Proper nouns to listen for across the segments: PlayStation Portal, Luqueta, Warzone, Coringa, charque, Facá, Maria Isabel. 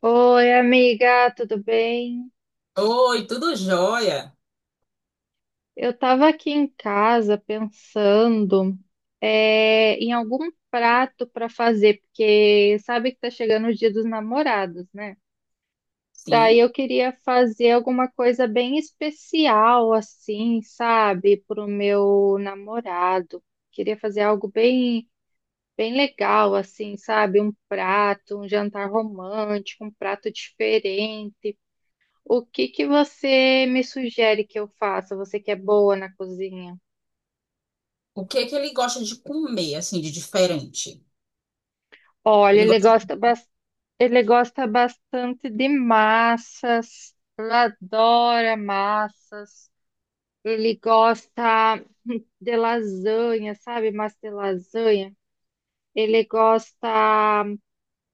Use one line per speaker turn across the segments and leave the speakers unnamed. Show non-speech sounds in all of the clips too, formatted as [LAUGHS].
Oi, amiga, tudo bem?
Oi, tudo jóia?
Eu estava aqui em casa pensando em algum prato para fazer, porque sabe que tá chegando o Dia dos Namorados, né? Daí
Sim.
eu queria fazer alguma coisa bem especial, assim, sabe, para o meu namorado. Queria fazer algo bem, bem legal, assim, sabe? Um prato, um jantar romântico, um prato diferente. O que que você me sugere que eu faça? Você que é boa na cozinha.
O que é que ele gosta de comer, assim, de diferente?
Olha,
Ele
ele
gosta
gosta,
de...
ele gosta bastante de massas. Ele adora massas. Ele gosta de lasanha, sabe? Massa de lasanha. Ele gosta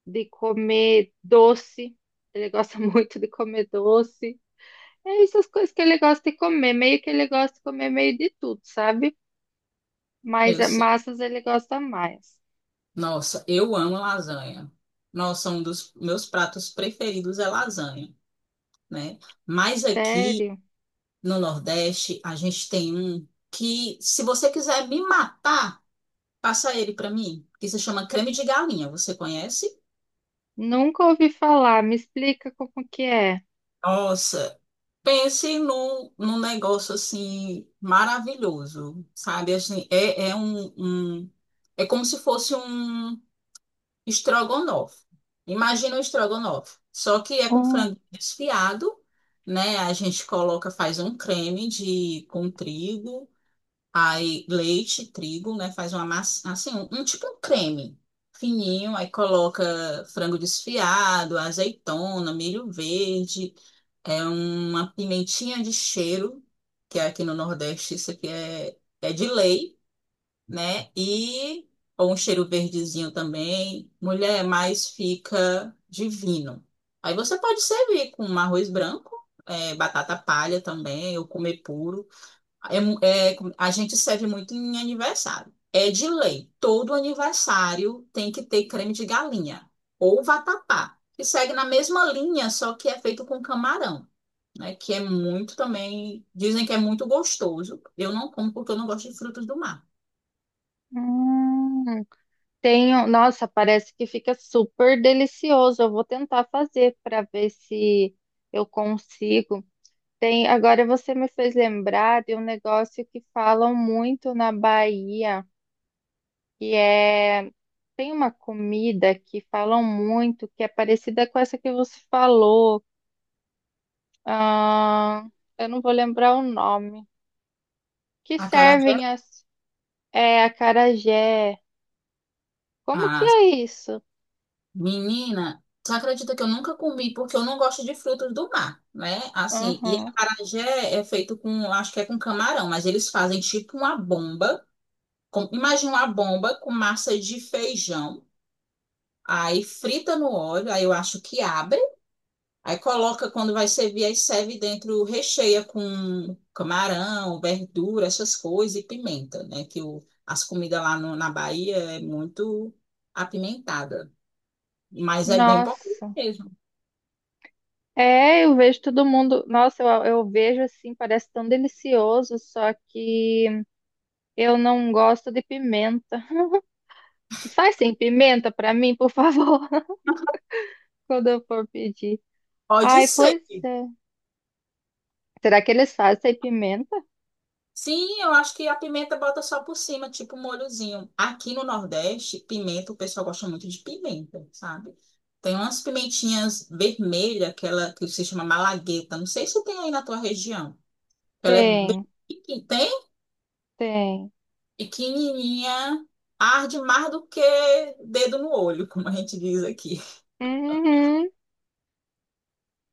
de comer doce. Ele gosta [LAUGHS] muito de comer doce. É essas coisas que ele gosta de comer. Meio que ele gosta de comer meio de tudo, sabe? Mas
Eu sei.
massas ele gosta mais.
Nossa, eu amo lasanha. Nossa, um dos meus pratos preferidos é lasanha, né? Mas aqui
Sério?
no Nordeste, a gente tem um que, se você quiser me matar, passa ele pra mim, que se chama creme de galinha. Você conhece?
Nunca ouvi falar. Me explica como que é.
Nossa, pense num negócio assim maravilhoso, sabe? Assim, é como se fosse um estrogonofe. Imagina um estrogonofe, só que é com
Hum.
frango desfiado, né? A gente coloca, faz um creme de com trigo, aí leite, trigo, né? Faz uma massa, assim, tipo um creme fininho, aí coloca frango desfiado, azeitona, milho verde. É uma pimentinha de cheiro, que é aqui no Nordeste isso aqui é, é de lei, né? E ou um cheiro verdezinho também. Mulher, mais fica divino. Aí você pode servir com um arroz branco, é, batata palha também, ou comer puro. A gente serve muito em aniversário. É de lei. Todo aniversário tem que ter creme de galinha ou vatapá, que segue na mesma linha, só que é feito com camarão, né? Que é muito também. Dizem que é muito gostoso. Eu não como porque eu não gosto de frutos do mar.
Hum, tenho, nossa, parece que fica super delicioso. Eu vou tentar fazer para ver se eu consigo. Tem, agora você me fez lembrar de um negócio que falam muito na Bahia, que é, tem uma comida que falam muito, que é parecida com essa que você falou. Ah, eu não vou lembrar o nome. Que
Acarajé.
servem assim. É, acarajé. Como que
Ah,
é isso?
menina, você acredita que eu nunca comi porque eu não gosto de frutos do mar, né? Assim, e
Aham.
acarajé é feito com, acho que é com camarão, mas eles fazem tipo uma bomba. Imagina uma bomba com massa de feijão. Aí frita no óleo, aí eu acho que abre. Aí coloca, quando vai servir, aí serve dentro, recheia com camarão, verdura, essas coisas e pimenta, né? Que o, as comidas lá no- na Bahia é muito apimentada, mas é bem pouco
Nossa.
mesmo.
É, eu vejo todo mundo. Nossa, eu vejo assim, parece tão delicioso, só que eu não gosto de pimenta. [LAUGHS] Sai sem pimenta pra mim, por favor, [LAUGHS] quando eu for pedir.
Pode
Ai,
ser.
pois é. Será que eles fazem sem pimenta?
Sim, eu acho que a pimenta bota só por cima, tipo um molhozinho. Aqui no Nordeste, pimenta, o pessoal gosta muito de pimenta, sabe? Tem umas pimentinhas vermelhas, aquela que se chama malagueta. Não sei se tem aí na tua região. Ela é bem
Tem,
pequena.
tem.
Pequenininha, arde mais do que dedo no olho, como a gente diz aqui.
Uhum.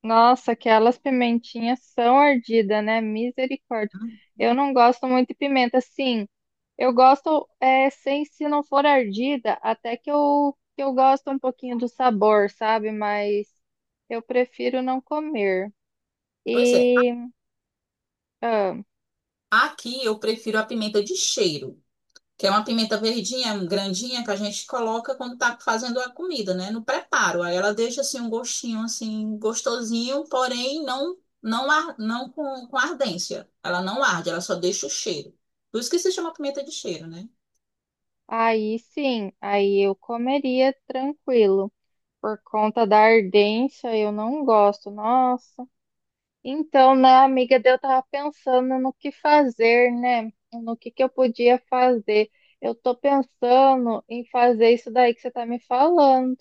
Nossa, aquelas pimentinhas são ardidas, né? Misericórdia. Eu não gosto muito de pimenta, sim. Eu gosto, é, sem se não for ardida, até que que eu gosto um pouquinho do sabor, sabe? Mas eu prefiro não comer.
Pois é,
E ah,
aqui eu prefiro a pimenta de cheiro, que é uma pimenta verdinha, grandinha, que a gente coloca quando tá fazendo a comida, né? No preparo. Aí ela deixa assim um gostinho assim gostosinho, porém não com ardência. Ela não arde, ela só deixa o cheiro. Por isso que se chama pimenta de cheiro, né?
aí sim, aí eu comeria tranquilo. Por conta da ardência, eu não gosto. Nossa. Então, né, amiga, daí eu tava pensando no que fazer, né? No que eu podia fazer. Eu tô pensando em fazer isso daí que você tá me falando.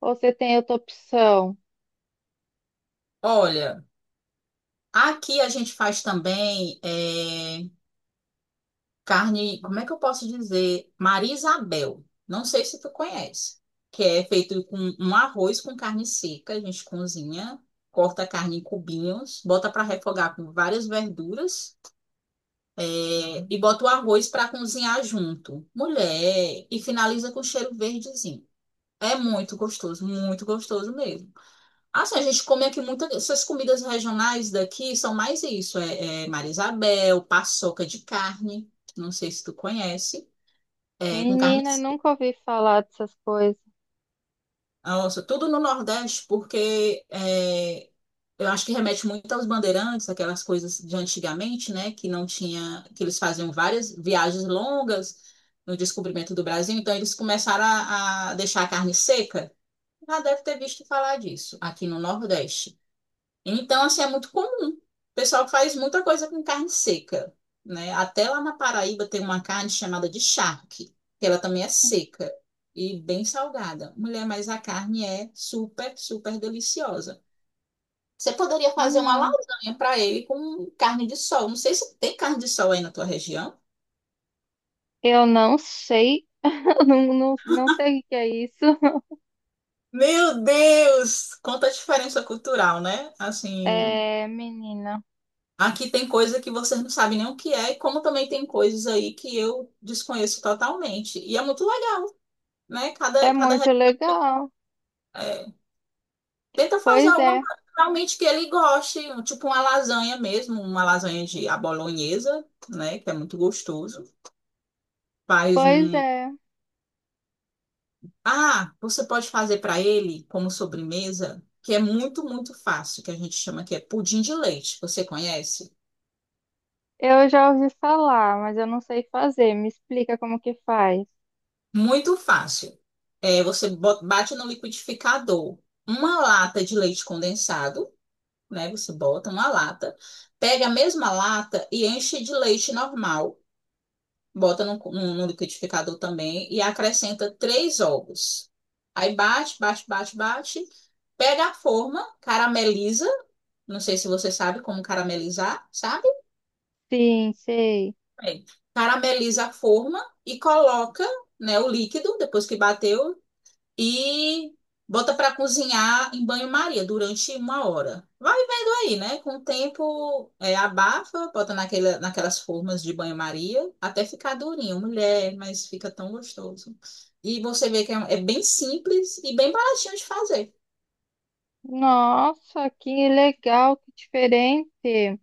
Ou você tem outra opção?
Olha, aqui a gente faz também é, carne, como é que eu posso dizer? Maria Isabel. Não sei se tu conhece. Que é feito com um arroz com carne seca. A gente cozinha, corta a carne em cubinhos, bota para refogar com várias verduras, é, e bota o arroz para cozinhar junto. Mulher, e finaliza com cheiro verdezinho. É muito gostoso mesmo. Assim, a gente come aqui muitas. Essas comidas regionais daqui são mais isso. É, é Maria Isabel, paçoca de carne. Não sei se tu conhece. É, com carne
Menina, eu
seca.
nunca ouvi falar dessas coisas.
Nossa, tudo no Nordeste, porque é, eu acho que remete muito aos bandeirantes, aquelas coisas de antigamente, né? Que não tinha, que eles faziam várias viagens longas no descobrimento do Brasil, então eles começaram a deixar a carne seca. Já deve ter visto falar disso aqui no Nordeste. Então, assim, é muito comum. O pessoal faz muita coisa com carne seca, né? Até lá na Paraíba tem uma carne chamada de charque, que ela também é seca e bem salgada. Mulher, mas a carne é super, super deliciosa. Você poderia fazer uma
Não.
lasanha para ele com carne de sol. Não sei se tem carne de sol aí na tua região.
Eu não sei. [LAUGHS] Eu não, não, não sei o que é isso.
Meu Deus! Quanta diferença cultural, né? Assim,
É, menina,
aqui tem coisa que vocês não sabem nem o que é, e como também tem coisas aí que eu desconheço totalmente. E é muito legal, né?
é muito legal.
É, Tenta fazer
Pois
alguma
é,
coisa realmente que ele goste, tipo uma lasanha mesmo, uma lasanha de à bolonhesa, né? Que é muito gostoso. Faz
pois
um.
é.
Ah, você pode fazer para ele como sobremesa, que é muito, muito fácil, que a gente chama que é pudim de leite. Você conhece?
Eu já ouvi falar, mas eu não sei fazer. Me explica como que faz.
Muito fácil. É, você bate no liquidificador uma lata de leite condensado, né? Você bota uma lata, pega a mesma lata e enche de leite normal, bota no liquidificador também e acrescenta 3 ovos. Aí bate, bate, bate, bate, pega a forma, carameliza. Não sei se você sabe como caramelizar, sabe?
Sim, sei.
Bem, carameliza a forma e coloca, né, o líquido depois que bateu e bota para cozinhar em banho-maria durante 1 hora. Vai vendo aí, né? Com o tempo, é, abafa, bota naquela, naquelas formas de banho-maria até ficar durinho, mulher, mas fica tão gostoso. E você vê que é, é bem simples e bem baratinho de fazer.
Nossa, que legal, que diferente.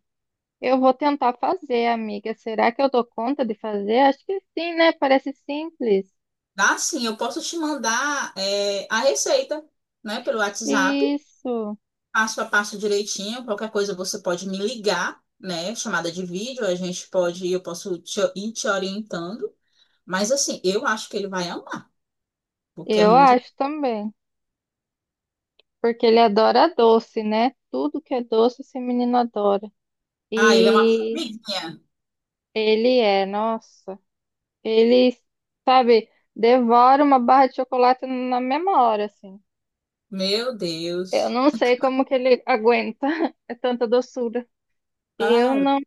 Eu vou tentar fazer, amiga. Será que eu dou conta de fazer? Acho que sim, né? Parece simples.
Dá sim, eu posso te mandar, é, a receita, né, pelo WhatsApp,
Isso,
passo a passo direitinho. Qualquer coisa você pode me ligar, né, chamada de vídeo, a gente pode, eu posso ir te orientando. Mas assim, eu acho que ele vai amar, porque é
eu
muito.
acho também, porque ele adora doce, né? Tudo que é doce, esse menino adora.
Ah, ele é uma
E
formiguinha.
ele é, nossa, ele, sabe, devora uma barra de chocolate na mesma hora, assim.
Meu
Eu
Deus.
não sei como que ele aguenta, [LAUGHS] é tanta doçura. Eu
Ai,
não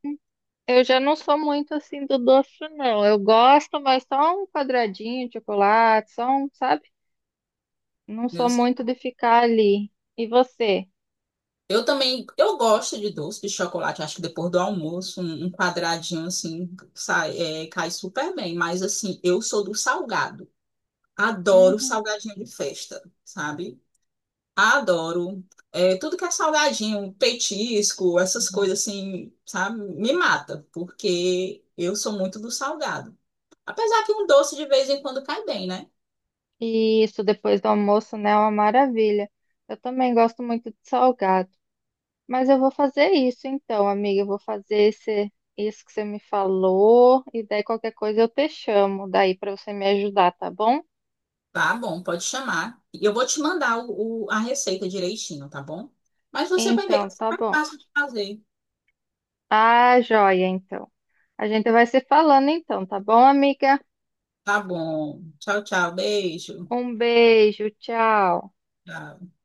Eu já não sou muito assim do doce, não. Eu gosto, mas só um quadradinho de chocolate, só um, sabe? Não
meu
sou
Deus.
muito de ficar ali. E você?
Eu também, eu gosto de doce de chocolate. Acho que depois do almoço, um quadradinho assim sai, é, cai super bem. Mas assim, eu sou do salgado. Adoro
Uhum.
salgadinho de festa, sabe? Adoro. É, tudo que é salgadinho, petisco, essas coisas assim, sabe? Me mata, porque eu sou muito do salgado. Apesar que um doce de vez em quando cai bem, né?
E isso depois do almoço, né? É uma maravilha. Eu também gosto muito de salgado. Mas eu vou fazer isso então, amiga. Eu vou fazer isso que você me falou. E daí qualquer coisa eu te chamo daí para você me ajudar, tá bom?
Tá bom, pode chamar. E eu vou te mandar a receita direitinho, tá bom? Mas você vai ver que
Então,
é
tá
super
bom.
fácil de fazer.
Ah, joia, então. A gente vai se falando então, tá bom, amiga?
Tá bom. Tchau, tchau. Beijo.
Um beijo, tchau.
Tchau.